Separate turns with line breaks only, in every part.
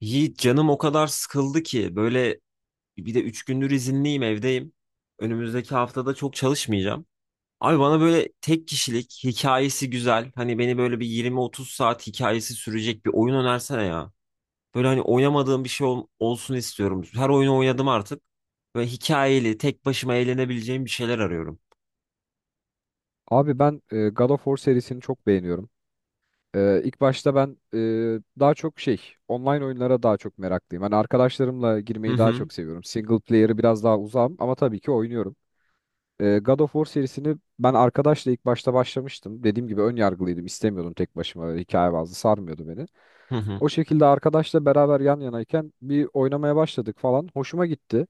Yiğit canım o kadar sıkıldı ki böyle bir de 3 gündür izinliyim, evdeyim. Önümüzdeki haftada çok çalışmayacağım. Abi bana böyle tek kişilik hikayesi güzel. Hani beni böyle bir 20-30 saat hikayesi sürecek bir oyun önersene ya. Böyle hani oynamadığım bir şey olsun istiyorum. Her oyunu oynadım artık. Böyle hikayeli tek başıma eğlenebileceğim bir şeyler arıyorum.
Abi ben God of War serisini çok beğeniyorum. E, ilk başta ben e, daha çok şey Online oyunlara daha çok meraklıyım. Hani arkadaşlarımla
Hı
girmeyi daha
hı.
çok seviyorum. Single player'ı biraz daha uzağım ama tabii ki oynuyorum. God of War serisini ben arkadaşla ilk başta başlamıştım. Dediğim gibi ön yargılıydım. İstemiyordum tek başıma. Hikaye bazlı sarmıyordu beni.
Hı hı.
O şekilde arkadaşla beraber yan yanayken bir oynamaya başladık falan. Hoşuma gitti.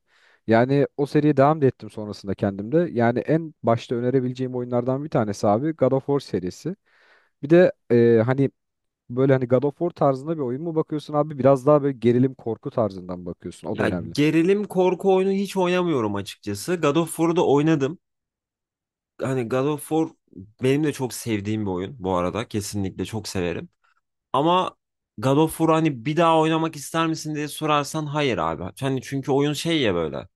Yani o seriye devam da ettim sonrasında kendimde. Yani en başta önerebileceğim oyunlardan bir tanesi abi God of War serisi. Bir de hani böyle hani God of War tarzında bir oyun mu bakıyorsun abi? Biraz daha böyle gerilim korku tarzından bakıyorsun. O da
Ya
önemli.
gerilim korku oyunu hiç oynamıyorum açıkçası. God of War'u da oynadım. Hani God of War benim de çok sevdiğim bir oyun bu arada. Kesinlikle çok severim. Ama God of War, hani bir daha oynamak ister misin diye sorarsan, hayır abi. Hani çünkü oyun şey ya böyle.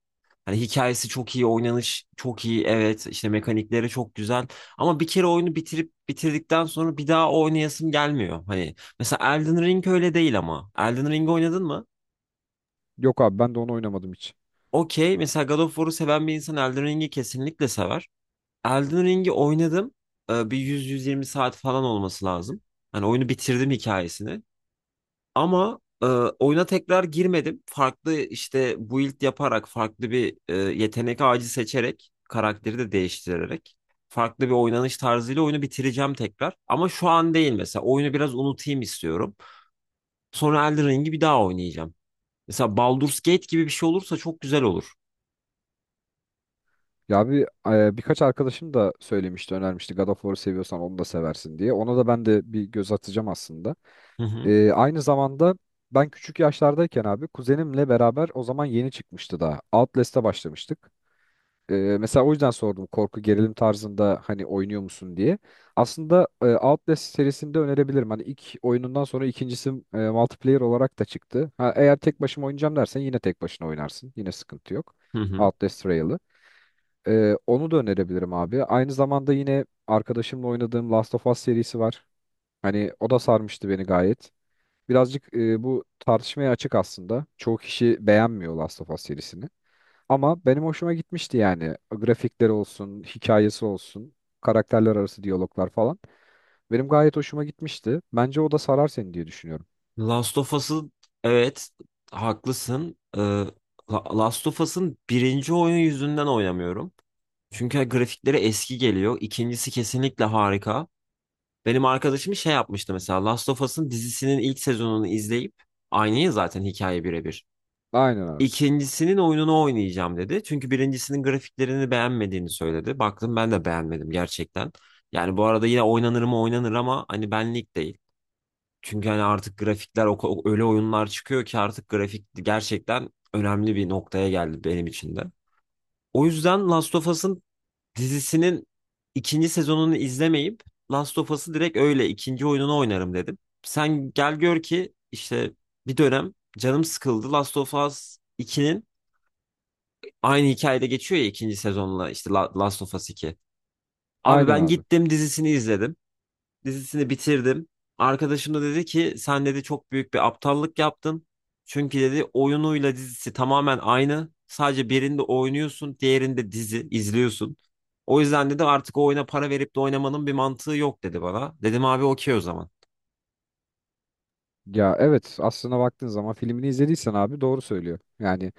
Hani hikayesi çok iyi, oynanış çok iyi, evet işte mekanikleri çok güzel. Ama bir kere oyunu bitirip bitirdikten sonra bir daha oynayasım gelmiyor. Hani mesela Elden Ring öyle değil ama. Elden Ring oynadın mı?
Yok abi ben de onu oynamadım hiç.
Okey. Mesela God of War'u seven bir insan Elden Ring'i kesinlikle sever. Elden Ring'i oynadım. Bir 100-120 saat falan olması lazım. Hani oyunu bitirdim, hikayesini. Ama oyuna tekrar girmedim. Farklı işte build yaparak, farklı bir yetenek ağacı seçerek, karakteri de değiştirerek, farklı bir oynanış tarzıyla oyunu bitireceğim tekrar. Ama şu an değil mesela. Oyunu biraz unutayım istiyorum. Sonra Elden Ring'i bir daha oynayacağım. Mesela Baldur's Gate gibi bir şey olursa çok güzel olur.
Ya bir Birkaç arkadaşım da söylemişti, önermişti God of War'u seviyorsan onu da seversin diye. Ona da ben de bir göz atacağım aslında.
Hı hı.
Aynı zamanda ben küçük yaşlardayken abi kuzenimle beraber o zaman yeni çıkmıştı daha. Outlast'a başlamıştık. Mesela o yüzden sordum korku gerilim tarzında hani oynuyor musun diye. Aslında Outlast serisini de önerebilirim. Hani ilk oyunundan sonra ikincisi multiplayer olarak da çıktı. Ha, eğer tek başıma oynayacağım dersen yine tek başına oynarsın. Yine sıkıntı yok.
Hı hı.
Outlast Trail'ı. Onu da önerebilirim abi. Aynı zamanda yine arkadaşımla oynadığım Last of Us serisi var. Hani o da sarmıştı beni gayet. Birazcık bu tartışmaya açık aslında. Çoğu kişi beğenmiyor Last of Us serisini. Ama benim hoşuma gitmişti yani. Grafikleri olsun, hikayesi olsun, karakterler arası diyaloglar falan. Benim gayet hoşuma gitmişti. Bence o da sarar seni diye düşünüyorum.
Last of Us'ın, evet, haklısın. Last of Us'ın birinci oyun yüzünden oynamıyorum. Çünkü grafikleri eski geliyor. İkincisi kesinlikle harika. Benim arkadaşım şey yapmıştı mesela, Last of Us'ın dizisinin ilk sezonunu izleyip aynı ya zaten, hikaye birebir.
Aynen abi.
İkincisinin oyununu oynayacağım dedi. Çünkü birincisinin grafiklerini beğenmediğini söyledi. Baktım, ben de beğenmedim gerçekten. Yani bu arada yine oynanır mı oynanır ama hani benlik değil. Çünkü hani artık grafikler öyle oyunlar çıkıyor ki artık grafik gerçekten önemli bir noktaya geldi benim için de. O yüzden Last of Us'ın dizisinin ikinci sezonunu izlemeyip Last of Us'ı direkt öyle ikinci oyununu oynarım dedim. Sen gel gör ki işte bir dönem canım sıkıldı, Last of Us 2'nin aynı hikayede geçiyor ya ikinci sezonla, işte Last of Us 2. Abi
Aynen
ben
abi.
gittim dizisini izledim, dizisini bitirdim. Arkadaşım da dedi ki sen dedi çok büyük bir aptallık yaptın. Çünkü dedi oyunuyla dizisi tamamen aynı. Sadece birinde oynuyorsun, diğerinde dizi izliyorsun. O yüzden dedi artık o oyuna para verip de oynamanın bir mantığı yok dedi bana. Dedim abi okey o zaman.
Ya evet, aslına baktığın zaman filmini izlediysen abi doğru söylüyor. Yani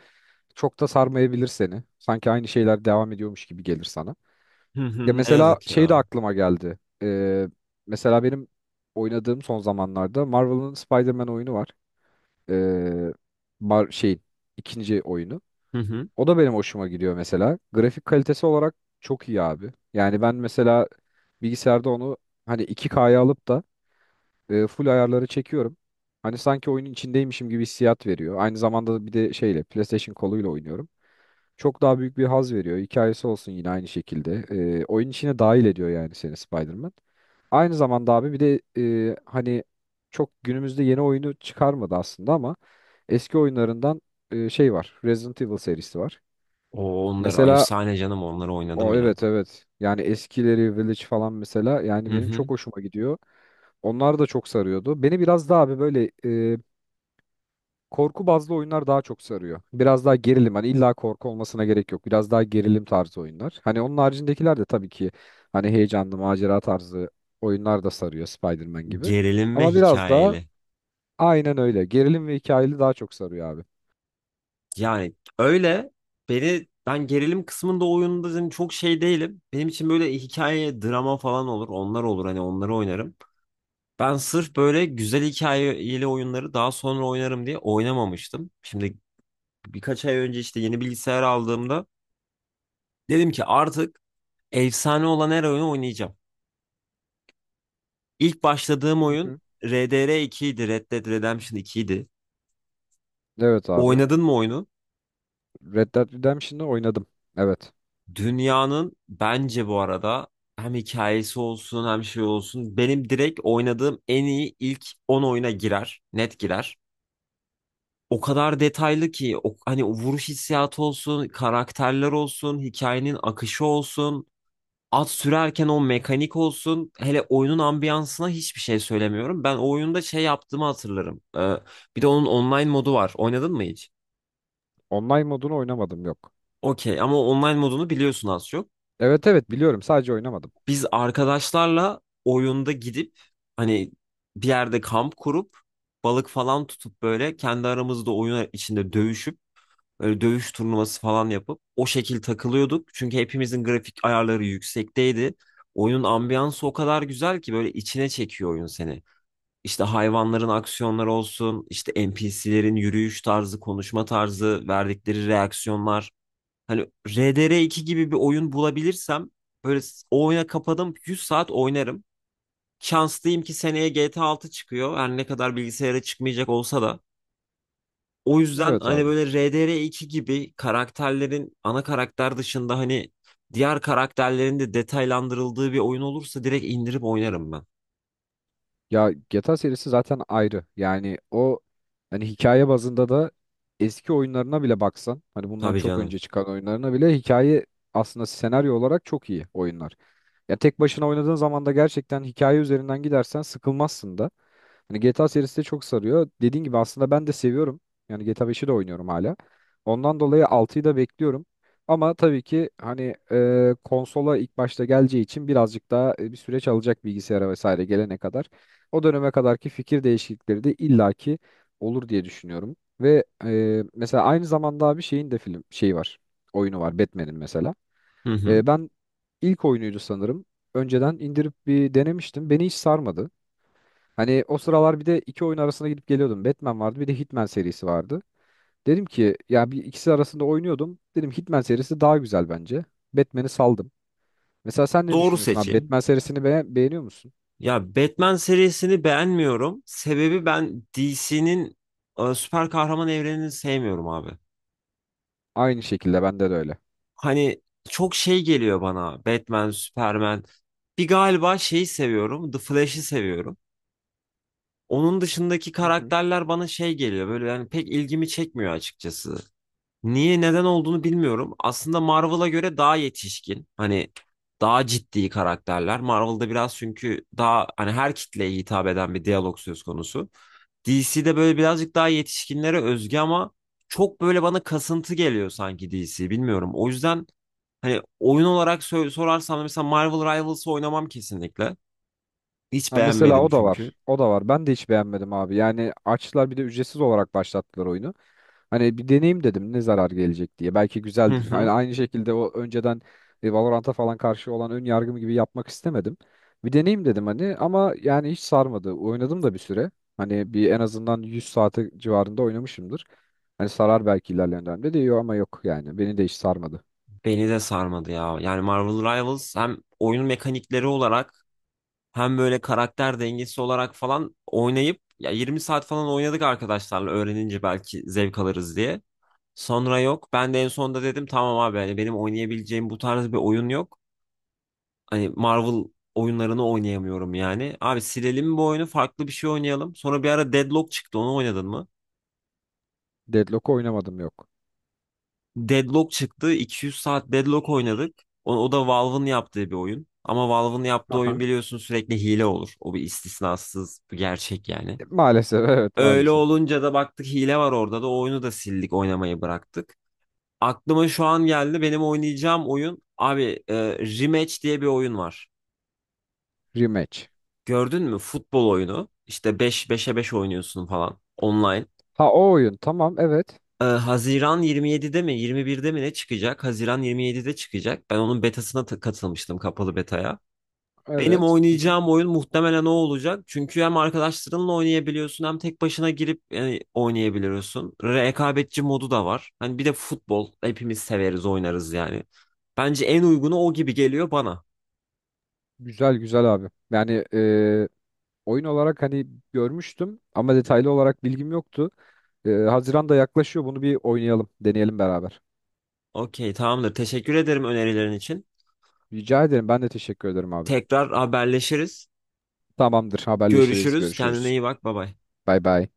çok da sarmayabilir seni. Sanki aynı şeyler devam ediyormuş gibi gelir sana.
Hı
Ya
hı. Ne
mesela
yazık
şey de
ya.
aklıma geldi. Mesela benim oynadığım son zamanlarda Marvel'ın Spider-Man oyunu var. Ee, Mar şeyin ikinci oyunu.
Hı hı.
O da benim hoşuma gidiyor mesela. Grafik kalitesi olarak çok iyi abi. Yani ben mesela bilgisayarda onu hani 2K'ya alıp da full ayarları çekiyorum. Hani sanki oyunun içindeymişim gibi hissiyat veriyor. Aynı zamanda bir de şeyle PlayStation koluyla oynuyorum. Çok daha büyük bir haz veriyor. Hikayesi olsun yine aynı şekilde. Oyun içine dahil ediyor yani seni Spider-Man. Aynı zamanda abi bir de hani çok günümüzde yeni oyunu çıkarmadı aslında ama eski oyunlarından var. Resident Evil serisi var.
O, onları
Mesela
efsane canım, onları oynadım
o,
ya.
evet evet. Yani eskileri Village falan mesela yani
Hı
benim çok
hı.
hoşuma gidiyor. Onlar da çok sarıyordu. Beni biraz daha abi böyle korku bazlı oyunlar daha çok sarıyor. Biraz daha gerilim. Hani illa korku olmasına gerek yok. Biraz daha gerilim tarzı oyunlar. Hani onun haricindekiler de tabii ki hani heyecanlı macera tarzı oyunlar da sarıyor Spider-Man gibi.
Gerilim ve
Ama biraz daha
hikayeli.
aynen öyle. Gerilim ve hikayeli daha çok sarıyor abi.
Yani öyle beni, ben gerilim kısmında oyunda dedim çok şey değilim. Benim için böyle hikaye, drama falan olur. Onlar olur, hani onları oynarım. Ben sırf böyle güzel hikayeli oyunları daha sonra oynarım diye oynamamıştım. Şimdi birkaç ay önce işte yeni bilgisayar aldığımda dedim ki artık efsane olan her oyunu oynayacağım. İlk başladığım
Hı
oyun
hı.
RDR 2 idi, Red Dead Redemption 2 idi.
Evet abi.
Oynadın mı oyunu?
Red Dead Redemption'ı oynadım. Evet.
Dünyanın bence bu arada hem hikayesi olsun hem şey olsun benim direkt oynadığım en iyi ilk 10 oyuna girer. Net girer. O kadar detaylı ki o, hani o vuruş hissiyatı olsun, karakterler olsun, hikayenin akışı olsun, at sürerken o mekanik olsun. Hele oyunun ambiyansına hiçbir şey söylemiyorum. Ben o oyunda şey yaptığımı hatırlarım. Bir de onun online modu var. Oynadın mı hiç?
Online modunu oynamadım, yok.
Okey, ama online modunu biliyorsun az çok.
Evet evet, biliyorum sadece oynamadım.
Biz arkadaşlarla oyunda gidip hani bir yerde kamp kurup balık falan tutup böyle kendi aramızda oyun içinde dövüşüp böyle dövüş turnuvası falan yapıp o şekil takılıyorduk. Çünkü hepimizin grafik ayarları yüksekteydi. Oyunun ambiyansı o kadar güzel ki böyle içine çekiyor oyun seni. İşte hayvanların aksiyonları olsun, işte NPC'lerin yürüyüş tarzı, konuşma tarzı, verdikleri reaksiyonlar. Hani RDR2 gibi bir oyun bulabilirsem böyle o oyuna kapadım 100 saat oynarım. Şanslıyım ki seneye GTA 6 çıkıyor. Her ne kadar bilgisayara çıkmayacak olsa da. O yüzden
Evet
hani
abi.
böyle RDR2 gibi karakterlerin ana karakter dışında hani diğer karakterlerin de detaylandırıldığı bir oyun olursa direkt indirip oynarım ben.
Ya GTA serisi zaten ayrı. Yani o hani hikaye bazında da eski oyunlarına bile baksan hani bundan
Tabii
çok
canım.
önce çıkan oyunlarına bile hikaye aslında senaryo olarak çok iyi oyunlar. Ya tek başına oynadığın zaman da gerçekten hikaye üzerinden gidersen sıkılmazsın da. Yani GTA serisi de çok sarıyor. Dediğin gibi aslında ben de seviyorum. Yani GTA beşi de oynuyorum hala. Ondan dolayı altıyı da bekliyorum. Ama tabii ki hani konsola ilk başta geleceği için birazcık daha bir süreç alacak bilgisayara vesaire gelene kadar. O döneme kadarki fikir değişiklikleri de illaki olur diye düşünüyorum. Ve mesela aynı zamanda bir şeyin de film şeyi var. Oyunu var Batman'in mesela.
Hı hı.
Ben ilk oyunuydu sanırım. Önceden indirip bir denemiştim. Beni hiç sarmadı. Hani o sıralar bir de iki oyun arasında gidip geliyordum. Batman vardı bir de Hitman serisi vardı. Dedim ki ya bir ikisi arasında oynuyordum. Dedim Hitman serisi daha güzel bence. Batman'i saldım. Mesela sen ne
Doğru
düşünüyorsun abi?
seçim.
Batman serisini beğeniyor musun?
Ya Batman serisini beğenmiyorum. Sebebi, ben DC'nin süper kahraman evrenini sevmiyorum abi.
Aynı şekilde bende de öyle.
Hani çok şey geliyor bana. Batman, Superman. Bir galiba şeyi seviyorum, The Flash'i seviyorum. Onun dışındaki
Hı hı.
karakterler bana şey geliyor. Böyle yani pek ilgimi çekmiyor açıkçası. Niye, neden olduğunu bilmiyorum. Aslında Marvel'a göre daha yetişkin. Hani daha ciddi karakterler. Marvel'da biraz çünkü daha hani her kitleye hitap eden bir diyalog söz konusu. DC'de böyle birazcık daha yetişkinlere özgü ama çok böyle bana kasıntı geliyor sanki DC. Bilmiyorum. O yüzden hani oyun olarak sorarsam da mesela Marvel Rivals'ı oynamam kesinlikle. Hiç
Ha mesela
beğenmedim
o da
çünkü.
var. O da var. Ben de hiç beğenmedim abi. Yani açtılar bir de ücretsiz olarak başlattılar oyunu. Hani bir deneyim dedim ne zarar gelecek diye. Belki
Hı
güzeldir. Hani
hı.
aynı şekilde o önceden Valorant'a falan karşı olan ön yargım gibi yapmak istemedim. Bir deneyim dedim hani ama yani hiç sarmadı. Oynadım da bir süre. Hani bir en azından 100 saate civarında oynamışımdır. Hani sarar belki ilerleyen dönemde diyor ama yok yani. Beni de hiç sarmadı.
Beni de sarmadı ya. Yani Marvel Rivals hem oyun mekanikleri olarak hem böyle karakter dengesi olarak falan, oynayıp ya 20 saat falan oynadık arkadaşlarla öğrenince belki zevk alırız diye. Sonra yok. Ben de en sonunda dedim tamam abi, hani benim oynayabileceğim bu tarz bir oyun yok. Hani Marvel oyunlarını oynayamıyorum yani. Abi silelim bu oyunu, farklı bir şey oynayalım. Sonra bir ara Deadlock çıktı, onu oynadın mı?
Deadlock oynamadım, yok.
Deadlock çıktı. 200 saat Deadlock oynadık. O da Valve'ın yaptığı bir oyun. Ama Valve'ın yaptığı
Aha.
oyun biliyorsun sürekli hile olur. O bir istisnasız bir gerçek yani.
Maalesef evet
Öyle
maalesef.
olunca da baktık hile var orada da, o oyunu da sildik, oynamayı bıraktık. Aklıma şu an geldi benim oynayacağım oyun abi, Rematch diye bir oyun var.
Rematch.
Gördün mü? Futbol oyunu. İşte 5 beşe 5 oynuyorsun falan online.
Ha o oyun, tamam evet.
Haziran 27'de mi 21'de mi ne çıkacak? Haziran 27'de çıkacak. Ben onun betasına katılmıştım, kapalı betaya. Benim
Evet. Hı hı.
oynayacağım oyun muhtemelen o olacak. Çünkü hem arkadaşlarınla oynayabiliyorsun hem tek başına girip yani oynayabiliyorsun. Rekabetçi modu da var. Hani bir de futbol hepimiz severiz, oynarız yani. Bence en uygunu o gibi geliyor bana.
Güzel güzel abi. Yani oyun olarak hani görmüştüm ama detaylı olarak bilgim yoktu. Haziran da yaklaşıyor. Bunu bir oynayalım, deneyelim beraber.
Okey, tamamdır. Teşekkür ederim önerilerin için.
Rica ederim. Ben de teşekkür ederim abi.
Tekrar haberleşiriz.
Tamamdır. Haberleşiriz.
Görüşürüz. Kendine
Görüşürüz.
iyi bak. Bay bay.
Bay bay.